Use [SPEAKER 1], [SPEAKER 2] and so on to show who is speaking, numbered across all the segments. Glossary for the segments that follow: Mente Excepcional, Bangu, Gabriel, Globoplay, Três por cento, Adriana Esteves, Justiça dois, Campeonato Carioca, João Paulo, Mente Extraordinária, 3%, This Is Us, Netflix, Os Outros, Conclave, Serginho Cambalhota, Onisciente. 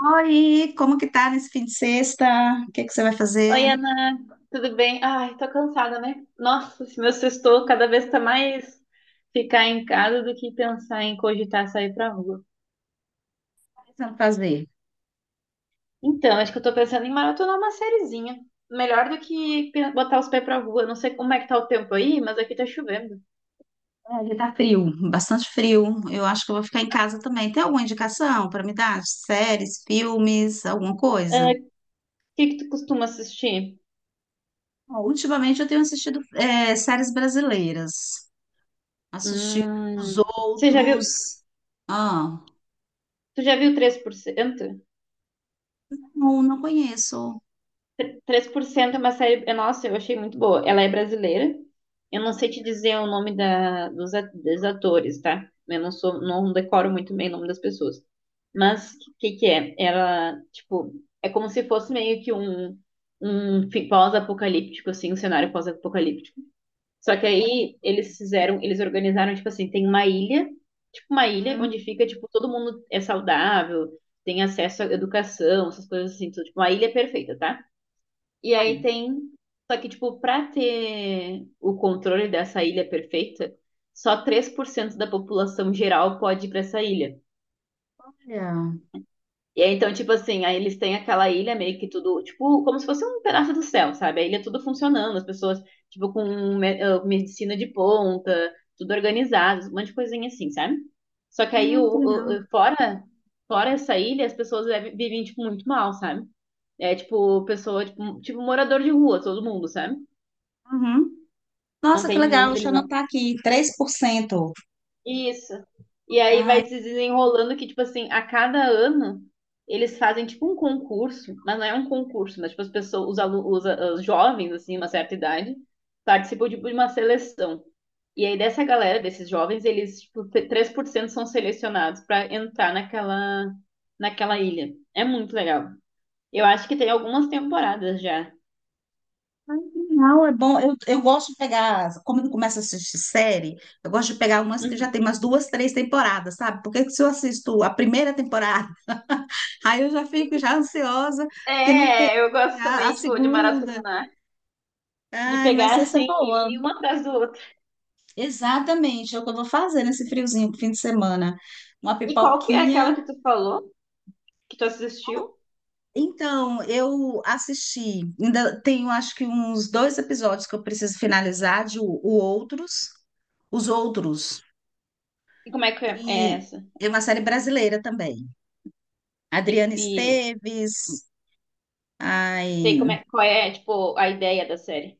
[SPEAKER 1] Oi, como que tá nesse fim de sexta? O que que você vai fazer?
[SPEAKER 2] Oi,
[SPEAKER 1] O
[SPEAKER 2] Ana, tudo bem? Ai, tô cansada, né? Nossa, esse meu sextou cada vez tá mais ficar em casa do que pensar em cogitar sair pra rua.
[SPEAKER 1] que você vai fazer?
[SPEAKER 2] Então, acho que eu tô pensando em maratonar uma sériezinha. Melhor do que botar os pés pra rua. Não sei como é que tá o tempo aí, mas aqui tá chovendo.
[SPEAKER 1] É, aqui tá frio, bastante frio. Eu acho que eu vou ficar em casa também. Tem alguma indicação para me dar? Séries, filmes, alguma
[SPEAKER 2] É,
[SPEAKER 1] coisa?
[SPEAKER 2] o que que tu costuma assistir?
[SPEAKER 1] Bom, ultimamente eu tenho assistido séries brasileiras. Assisti os
[SPEAKER 2] Hum, você já viu,
[SPEAKER 1] outros. Ah,
[SPEAKER 2] tu já viu 3%?
[SPEAKER 1] não, não conheço.
[SPEAKER 2] Três por cento é uma série. Nossa, eu achei muito boa. Ela é brasileira. Eu não sei te dizer o nome dos atores, tá? Eu não sou, não decoro muito bem o nome das pessoas. Mas o que que é? Ela, tipo, é como se fosse meio que um pós-apocalíptico, assim, um cenário pós-apocalíptico. Só que aí eles organizaram, tipo assim, tem uma ilha, tipo uma ilha
[SPEAKER 1] Hum,
[SPEAKER 2] onde fica, tipo, todo mundo é saudável, tem acesso à educação, essas coisas assim, tudo, tipo, uma ilha perfeita, tá? E aí
[SPEAKER 1] olha,
[SPEAKER 2] tem. Só que, tipo, pra ter o controle dessa ilha perfeita, só 3% da população geral pode ir pra essa ilha.
[SPEAKER 1] ah,
[SPEAKER 2] E aí, então, tipo assim, aí eles têm aquela ilha meio que tudo, tipo, como se fosse um pedaço do céu, sabe? A ilha tudo funcionando, as pessoas, tipo, com medicina de ponta, tudo organizado, um monte de coisinha assim, sabe? Só que aí,
[SPEAKER 1] que legal.
[SPEAKER 2] fora, fora essa ilha, as pessoas vivem, tipo, muito mal, sabe? É, tipo, morador de rua, todo mundo, sabe?
[SPEAKER 1] Uhum.
[SPEAKER 2] Não
[SPEAKER 1] Nossa, que
[SPEAKER 2] tem,
[SPEAKER 1] legal, O
[SPEAKER 2] não, eles
[SPEAKER 1] eu
[SPEAKER 2] não.
[SPEAKER 1] tá aqui, Três por cento.
[SPEAKER 2] Isso. E aí
[SPEAKER 1] Ah.
[SPEAKER 2] vai se desenrolando que, tipo assim, a cada ano eles fazem tipo um concurso, mas não é um concurso, mas tipo as pessoas, os alunos, os a- os jovens, assim, uma certa idade, participam tipo, de uma seleção. E aí dessa galera, desses jovens, eles, tipo, 3% são selecionados para entrar naquela, naquela ilha. É muito legal. Eu acho que tem algumas temporadas já.
[SPEAKER 1] Não, é bom. Eu gosto de como eu começo a assistir série, eu gosto de pegar umas que já tem
[SPEAKER 2] Uhum.
[SPEAKER 1] umas duas, três temporadas, sabe? Porque se eu assisto a primeira temporada, aí eu já fico já ansiosa, porque não tem
[SPEAKER 2] É, eu gosto
[SPEAKER 1] a
[SPEAKER 2] também, tipo, de
[SPEAKER 1] segunda.
[SPEAKER 2] maratonar. De
[SPEAKER 1] Ai, mas
[SPEAKER 2] pegar
[SPEAKER 1] essa é
[SPEAKER 2] assim,
[SPEAKER 1] boa.
[SPEAKER 2] e uma atrás do
[SPEAKER 1] Exatamente, é o que eu vou fazer nesse friozinho, fim de semana. Uma
[SPEAKER 2] E qual que é aquela
[SPEAKER 1] pipoquinha.
[SPEAKER 2] que tu falou, que tu assistiu?
[SPEAKER 1] Então, eu assisti, ainda tenho acho que uns dois episódios que eu preciso finalizar de o Outros. Os Outros.
[SPEAKER 2] E como é que é
[SPEAKER 1] E
[SPEAKER 2] essa?
[SPEAKER 1] é uma série brasileira também.
[SPEAKER 2] E,
[SPEAKER 1] Adriana
[SPEAKER 2] e
[SPEAKER 1] Esteves.
[SPEAKER 2] tem como
[SPEAKER 1] Ai,
[SPEAKER 2] é, qual é, tipo, a ideia da série?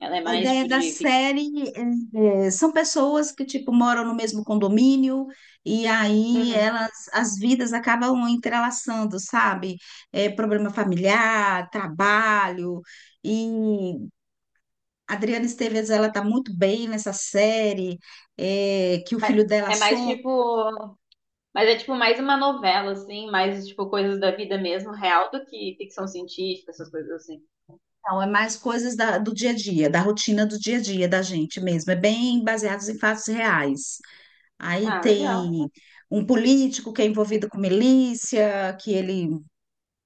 [SPEAKER 2] Ela é
[SPEAKER 1] a
[SPEAKER 2] mais,
[SPEAKER 1] ideia
[SPEAKER 2] tipo,
[SPEAKER 1] da
[SPEAKER 2] de ficção?
[SPEAKER 1] série são pessoas que tipo moram no mesmo condomínio e aí
[SPEAKER 2] Uhum.
[SPEAKER 1] elas as vidas acabam entrelaçando, sabe? É, problema familiar, trabalho e Adriana Esteves ela tá muito bem nessa série, que o
[SPEAKER 2] Mas
[SPEAKER 1] filho dela
[SPEAKER 2] é mais,
[SPEAKER 1] some.
[SPEAKER 2] tipo... Mas é, tipo, mais uma novela, assim. Mais, tipo, coisas da vida mesmo, real, do que ficção científica, essas coisas assim.
[SPEAKER 1] Não, é mais coisas do dia a dia, da rotina do dia a dia da gente mesmo. É bem baseados em fatos reais. Aí
[SPEAKER 2] Ah,
[SPEAKER 1] tem
[SPEAKER 2] legal.
[SPEAKER 1] um político que é envolvido com milícia, que ele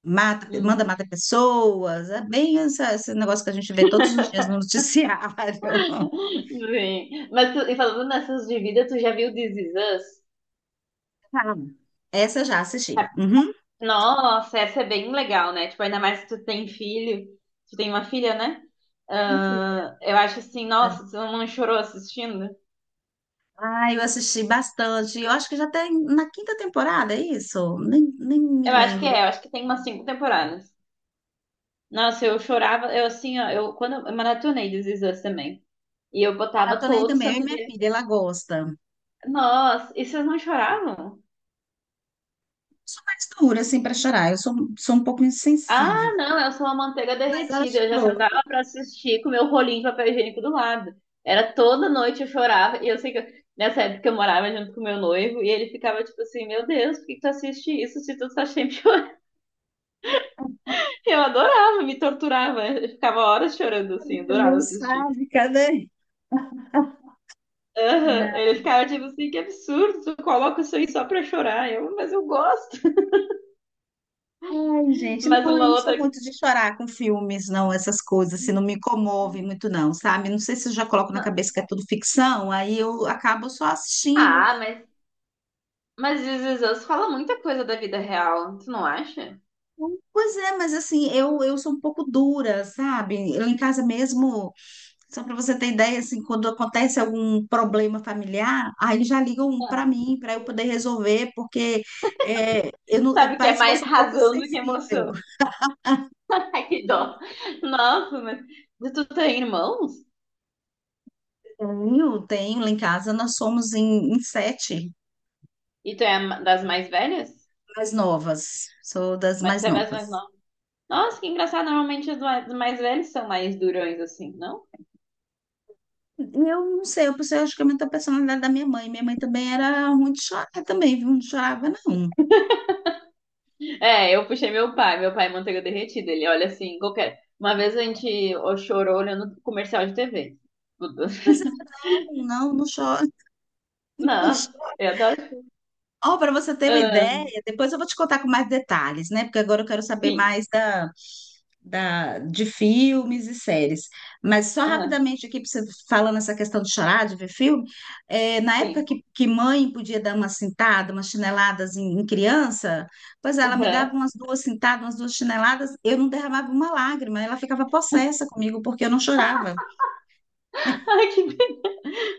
[SPEAKER 1] manda
[SPEAKER 2] Hum.
[SPEAKER 1] matar pessoas. É bem esse negócio que a gente vê todos os dias no noticiário.
[SPEAKER 2] Sim. E falando nessas de vida, tu já viu This Is Us?
[SPEAKER 1] Ah, essa eu já assisti. Uhum.
[SPEAKER 2] Nossa, essa é bem legal, né? Tipo, ainda mais se tu tem filho, tu tem uma filha, né? Ah, eu acho assim, nossa, tu não chorou assistindo?
[SPEAKER 1] Ah, eu assisti bastante. Eu acho que já tem na quinta temporada, é isso? Nem me lembro.
[SPEAKER 2] Eu acho que tem umas cinco temporadas. Nossa, eu chorava, eu assim, ó, eu quando eu maratonei This Is Us também. E eu botava
[SPEAKER 1] Maratonei
[SPEAKER 2] todo
[SPEAKER 1] também, eu e
[SPEAKER 2] santo
[SPEAKER 1] minha
[SPEAKER 2] dia.
[SPEAKER 1] filha, ela gosta.
[SPEAKER 2] Nossa, e vocês não choravam?
[SPEAKER 1] Sou mais dura, assim, para chorar. Eu sou um pouco insensível.
[SPEAKER 2] Ah, não, eu sou uma manteiga
[SPEAKER 1] Mas ela
[SPEAKER 2] derretida. Eu já
[SPEAKER 1] chorou.
[SPEAKER 2] sentava pra assistir com meu rolinho de papel higiênico do lado. Era toda noite eu chorava. E eu sei que eu- nessa época eu morava junto com meu noivo e ele ficava tipo assim: Meu Deus, por que que tu assiste isso se tu tá sempre chorando? Eu adorava, me torturava. Eu ficava horas chorando assim,
[SPEAKER 1] Não
[SPEAKER 2] adorava assistir.
[SPEAKER 1] sabe, cadê?
[SPEAKER 2] Aham,
[SPEAKER 1] Não.
[SPEAKER 2] ele ficava tipo assim: Que absurdo, tu coloca isso aí só pra chorar. Mas eu gosto.
[SPEAKER 1] Ai, gente,
[SPEAKER 2] Mas
[SPEAKER 1] não, eu
[SPEAKER 2] uma
[SPEAKER 1] não sou
[SPEAKER 2] outra.
[SPEAKER 1] muito de chorar com filmes, não, essas coisas, assim, não me comove muito, não, sabe? Não sei se eu já coloco na
[SPEAKER 2] Não.
[SPEAKER 1] cabeça que é tudo ficção, aí eu acabo só assistindo.
[SPEAKER 2] Ah, mas, mas This Is Us fala muita coisa da vida real, tu não acha?
[SPEAKER 1] Pois é, mas assim, eu sou um pouco dura, sabe? Eu em casa mesmo, só para você ter ideia, assim, quando acontece algum problema familiar, aí já ligam para mim, para eu poder resolver, porque é, eu não, é,
[SPEAKER 2] Sabe que é
[SPEAKER 1] parece que eu
[SPEAKER 2] mais
[SPEAKER 1] sou um pouco
[SPEAKER 2] razão do que
[SPEAKER 1] sensível.
[SPEAKER 2] emoção. Ai, que dó. Nossa, mas tu tem irmãos?
[SPEAKER 1] Tenho, tenho, lá em casa nós somos em sete
[SPEAKER 2] E tu é a das mais velhas?
[SPEAKER 1] mais novas, sou das mais
[SPEAKER 2] Tu é das mais
[SPEAKER 1] novas.
[SPEAKER 2] novas? Nossa, que engraçado. Normalmente os mais velhos são mais durões, assim, não?
[SPEAKER 1] E eu não sei, eu pensei, acho que é muito a personalidade da minha mãe. Minha mãe também era muito chorar também, viu? Não chorava, não.
[SPEAKER 2] É, eu puxei meu pai. Meu pai é manteiga derretida. Ele olha assim, qualquer... Uma vez a gente ó, chorou olhando comercial de TV.
[SPEAKER 1] Pois é, não, não, não chora.
[SPEAKER 2] Nossa, eu adoro.
[SPEAKER 1] Ó, para você ter uma
[SPEAKER 2] Ahn,
[SPEAKER 1] ideia, depois eu vou te contar com mais detalhes, né? Porque agora eu quero saber
[SPEAKER 2] sim,
[SPEAKER 1] mais de filmes e séries. Mas só
[SPEAKER 2] aham,
[SPEAKER 1] rapidamente aqui, pra você falando essa questão de chorar, de ver filme, na
[SPEAKER 2] sim.
[SPEAKER 1] época que mãe podia dar uma cintada, umas chineladas em criança, pois ela me dava
[SPEAKER 2] Aham.
[SPEAKER 1] umas duas cintadas, umas duas chineladas, eu não derramava uma lágrima, ela ficava possessa comigo porque eu não chorava.
[SPEAKER 2] Ai,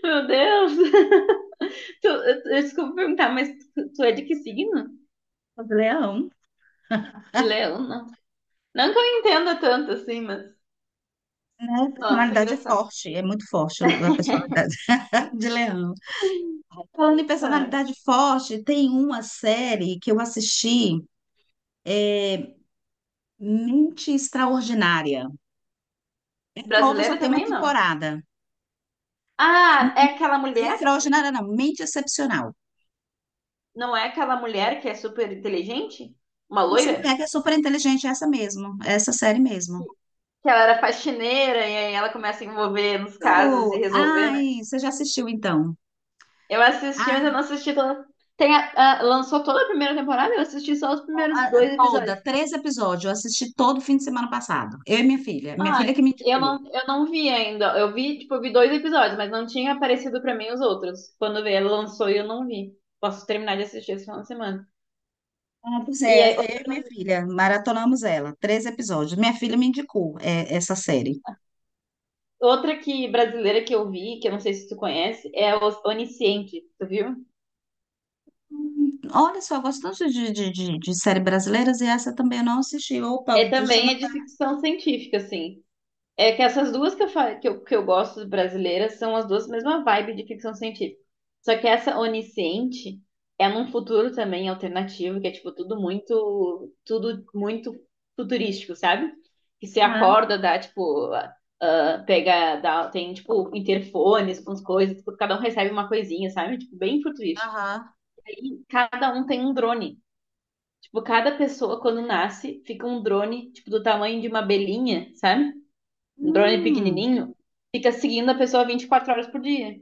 [SPEAKER 2] Meu Deus. Eu desculpa perguntar, mas tu é de que signo?
[SPEAKER 1] Eu falei, Leão,
[SPEAKER 2] De leão, não? Não que eu entenda tanto assim, mas.
[SPEAKER 1] a
[SPEAKER 2] Nossa,
[SPEAKER 1] personalidade é
[SPEAKER 2] engraçado.
[SPEAKER 1] forte, é muito forte a personalidade de Leão. Falando em
[SPEAKER 2] Ah,
[SPEAKER 1] personalidade forte, tem uma série que eu assisti, Mente Extraordinária. É nova, só
[SPEAKER 2] brasileira
[SPEAKER 1] tem uma
[SPEAKER 2] também não.
[SPEAKER 1] temporada.
[SPEAKER 2] Ah, é aquela mulher?
[SPEAKER 1] Extraordinária não, Mente Excepcional.
[SPEAKER 2] Não é aquela mulher que é super inteligente? Uma
[SPEAKER 1] Essa mulher
[SPEAKER 2] loira?
[SPEAKER 1] que é super inteligente, é essa mesmo, é essa série mesmo.
[SPEAKER 2] Que ela era faxineira e aí ela começa a envolver nos casos e resolver, né?
[SPEAKER 1] Ai, você já assistiu então?
[SPEAKER 2] Eu assisti, mas eu não
[SPEAKER 1] Ai,
[SPEAKER 2] assisti toda. Tem lançou toda a primeira temporada, eu assisti só os primeiros dois
[SPEAKER 1] toda,
[SPEAKER 2] episódios.
[SPEAKER 1] três episódios, eu assisti todo fim de semana passado. Eu e minha
[SPEAKER 2] Ah,
[SPEAKER 1] filha que me indicou.
[SPEAKER 2] eu não vi ainda. Eu vi, tipo, eu vi dois episódios, mas não tinha aparecido pra mim os outros. Quando veio, ela lançou e eu não vi. Posso terminar de assistir esse final de semana.
[SPEAKER 1] Ah, pois
[SPEAKER 2] E
[SPEAKER 1] é,
[SPEAKER 2] aí,
[SPEAKER 1] eu e minha filha, maratonamos ela, três episódios. Minha filha me indicou essa série.
[SPEAKER 2] outra que brasileira que eu vi, que eu não sei se tu conhece, é o Onisciente, tu viu?
[SPEAKER 1] Olha só, eu gosto tanto de série brasileiras e essa também eu não assisti. Opa,
[SPEAKER 2] É
[SPEAKER 1] deixa eu
[SPEAKER 2] também é de
[SPEAKER 1] anotar.
[SPEAKER 2] ficção científica, assim. É que essas duas que eu, fa- que eu gosto brasileiras são as duas mesma vibe de ficção científica. Só que essa Onisciente é num futuro também alternativo, que é tipo tudo muito futurístico, sabe? Que você
[SPEAKER 1] Aham,
[SPEAKER 2] acorda, dá tipo, ah, pega, dá, tem tipo interfones com as coisas, tipo, cada um recebe uma coisinha, sabe? Tipo, bem futurístico.
[SPEAKER 1] aham.
[SPEAKER 2] Aí cada um tem um drone. Tipo, cada pessoa quando nasce fica um drone, tipo, do tamanho de uma abelhinha, sabe? Um drone
[SPEAKER 1] Hum,
[SPEAKER 2] pequenininho, fica seguindo a pessoa 24 horas por dia.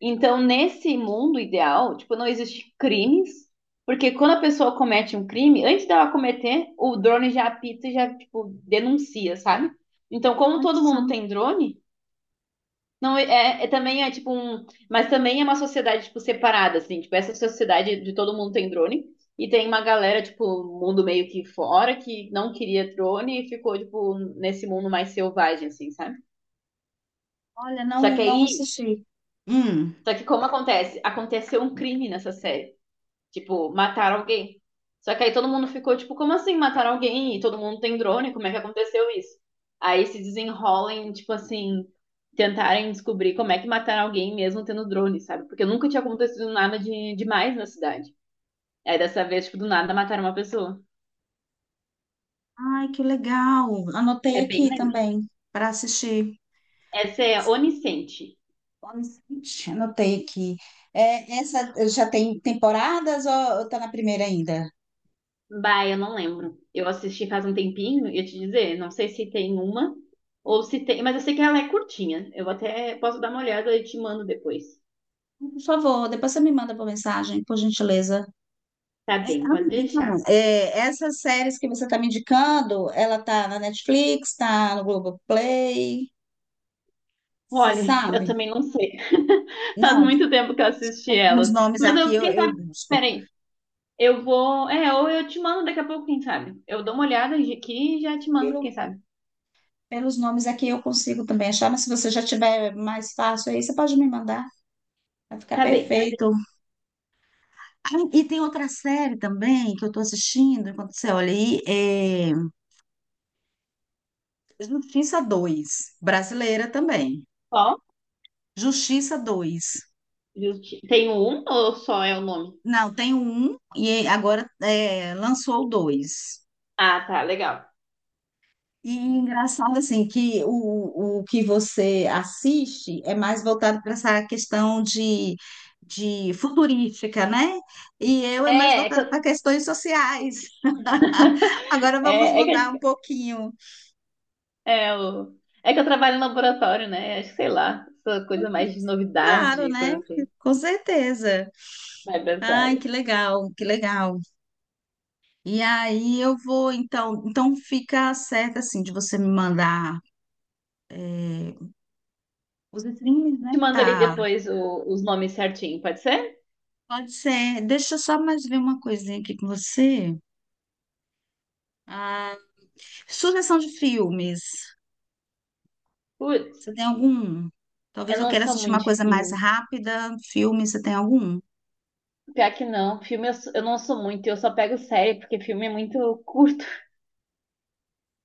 [SPEAKER 2] Então, nesse mundo ideal, tipo, não existe crimes, porque quando a pessoa comete um crime, antes dela cometer, o drone já apita e já, tipo, denuncia, sabe? Então, como
[SPEAKER 1] olha
[SPEAKER 2] todo
[SPEAKER 1] só.
[SPEAKER 2] mundo tem drone, não é, é também é tipo um, mas também é uma sociedade tipo separada assim, tipo essa sociedade de todo mundo tem drone e tem uma galera tipo mundo meio que fora que não queria drone e ficou tipo nesse mundo mais selvagem assim, sabe?
[SPEAKER 1] Olha,
[SPEAKER 2] Só
[SPEAKER 1] não,
[SPEAKER 2] que
[SPEAKER 1] não
[SPEAKER 2] aí,
[SPEAKER 1] assisti. Hum.
[SPEAKER 2] só que como acontece? Aconteceu um crime nessa série. Tipo, mataram alguém. Só que aí todo mundo ficou, tipo, como assim mataram alguém? E todo mundo tem drone, como é que aconteceu isso? Aí se desenrolem, tipo assim, tentarem descobrir como é que mataram alguém mesmo tendo drone, sabe? Porque nunca tinha acontecido nada de demais na cidade. Aí dessa vez, tipo, do nada mataram uma pessoa.
[SPEAKER 1] Ai, que legal. Anotei
[SPEAKER 2] É bem
[SPEAKER 1] aqui
[SPEAKER 2] legal.
[SPEAKER 1] também para assistir.
[SPEAKER 2] Essa é Onisciente.
[SPEAKER 1] Honestamente, anotei aqui. É, essa já tem temporadas ou tá na primeira ainda?
[SPEAKER 2] Bah, eu não lembro. Eu assisti faz um tempinho, ia te dizer, não sei se tem uma ou se tem, mas eu sei que ela é curtinha. Eu até posso dar uma olhada e te mando depois.
[SPEAKER 1] Por favor, depois você me manda por mensagem, por gentileza.
[SPEAKER 2] Tá
[SPEAKER 1] É,
[SPEAKER 2] bem,
[SPEAKER 1] ah,
[SPEAKER 2] pode
[SPEAKER 1] Então,
[SPEAKER 2] deixar.
[SPEAKER 1] é, essas séries que você está me indicando, ela tá na Netflix, tá no Globoplay, você
[SPEAKER 2] Olha, eu
[SPEAKER 1] sabe?
[SPEAKER 2] também não sei. Faz
[SPEAKER 1] Não, tá-
[SPEAKER 2] muito tempo que eu assisti
[SPEAKER 1] pelos
[SPEAKER 2] elas.
[SPEAKER 1] nomes
[SPEAKER 2] Mas
[SPEAKER 1] aqui
[SPEAKER 2] eu,
[SPEAKER 1] eu,
[SPEAKER 2] quem
[SPEAKER 1] eu
[SPEAKER 2] sabe,
[SPEAKER 1] busco.
[SPEAKER 2] peraí, ou eu te mando daqui a pouco, quem sabe. Eu dou uma olhada aqui e já te mando,
[SPEAKER 1] Pelo-
[SPEAKER 2] quem sabe.
[SPEAKER 1] pelos nomes aqui eu consigo também achar, mas se você já tiver mais fácil aí, você pode me mandar, vai ficar
[SPEAKER 2] Tá bem.
[SPEAKER 1] perfeito. Ah, e tem outra série também que eu estou assistindo, enquanto você olha aí, é Justiça dois, brasileira também.
[SPEAKER 2] Ó,
[SPEAKER 1] Justiça dois.
[SPEAKER 2] tem um ou só é o nome?
[SPEAKER 1] Não, tem o um e agora é, lançou o dois.
[SPEAKER 2] Ah, tá, legal.
[SPEAKER 1] E engraçado assim que o que você assiste é mais voltado para essa questão de futurística, né? E eu é mais
[SPEAKER 2] É, é que,
[SPEAKER 1] voltado para
[SPEAKER 2] eu-
[SPEAKER 1] questões sociais. Agora vamos
[SPEAKER 2] é, é
[SPEAKER 1] mudar um
[SPEAKER 2] que a
[SPEAKER 1] pouquinho.
[SPEAKER 2] É, o... é que eu trabalho em laboratório, né? Acho que sei lá, essa coisa mais de
[SPEAKER 1] Claro,
[SPEAKER 2] novidade,
[SPEAKER 1] né?
[SPEAKER 2] coisa assim.
[SPEAKER 1] Com certeza.
[SPEAKER 2] Vai pra essa
[SPEAKER 1] Ai,
[SPEAKER 2] área.
[SPEAKER 1] que legal, que legal. E aí eu vou então, então fica certo assim de você me mandar é, Os streams, né?
[SPEAKER 2] Te mando ali
[SPEAKER 1] Tá,
[SPEAKER 2] depois os nomes certinho, pode ser?
[SPEAKER 1] pode ser. Deixa eu só mais ver uma coisinha aqui com você. Ah, sugestão de filmes.
[SPEAKER 2] Putz,
[SPEAKER 1] Você tem algum? Talvez
[SPEAKER 2] eu
[SPEAKER 1] eu
[SPEAKER 2] não
[SPEAKER 1] queira
[SPEAKER 2] sou
[SPEAKER 1] assistir uma
[SPEAKER 2] muito de
[SPEAKER 1] coisa mais
[SPEAKER 2] filme.
[SPEAKER 1] rápida. Filme, você tem algum?
[SPEAKER 2] Pior que não, filme eu, sou- eu não sou muito, eu só pego série, porque filme é muito curto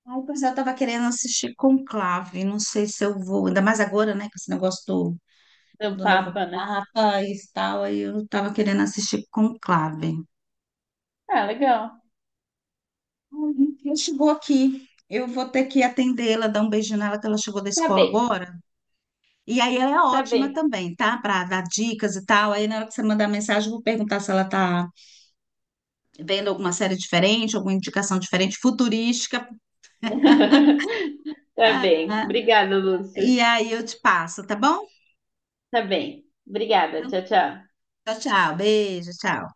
[SPEAKER 1] Ai, pois é, eu tava querendo assistir Conclave. Não sei se eu vou. Ainda mais agora, né? Com esse negócio do,
[SPEAKER 2] do
[SPEAKER 1] do novo
[SPEAKER 2] Papa, né?
[SPEAKER 1] Papa e tal. Aí eu tava querendo assistir Conclave.
[SPEAKER 2] Ah, legal.
[SPEAKER 1] Ai, ela chegou aqui. Eu vou ter que atendê-la, dar um beijo nela, que ela chegou da
[SPEAKER 2] Tá
[SPEAKER 1] escola
[SPEAKER 2] bem,
[SPEAKER 1] agora. E aí ela é
[SPEAKER 2] tá
[SPEAKER 1] ótima
[SPEAKER 2] bem.
[SPEAKER 1] também, tá? Para dar dicas e tal. Aí na hora que você mandar mensagem, eu vou perguntar se ela tá vendo alguma série diferente, alguma indicação diferente, futurística.
[SPEAKER 2] Tá bem.
[SPEAKER 1] Ah,
[SPEAKER 2] Obrigada, Lúcia.
[SPEAKER 1] e aí eu te passo, tá bom?
[SPEAKER 2] Tá bem. Obrigada.
[SPEAKER 1] Então,
[SPEAKER 2] Tchau, tchau.
[SPEAKER 1] tchau, tchau. Beijo, tchau.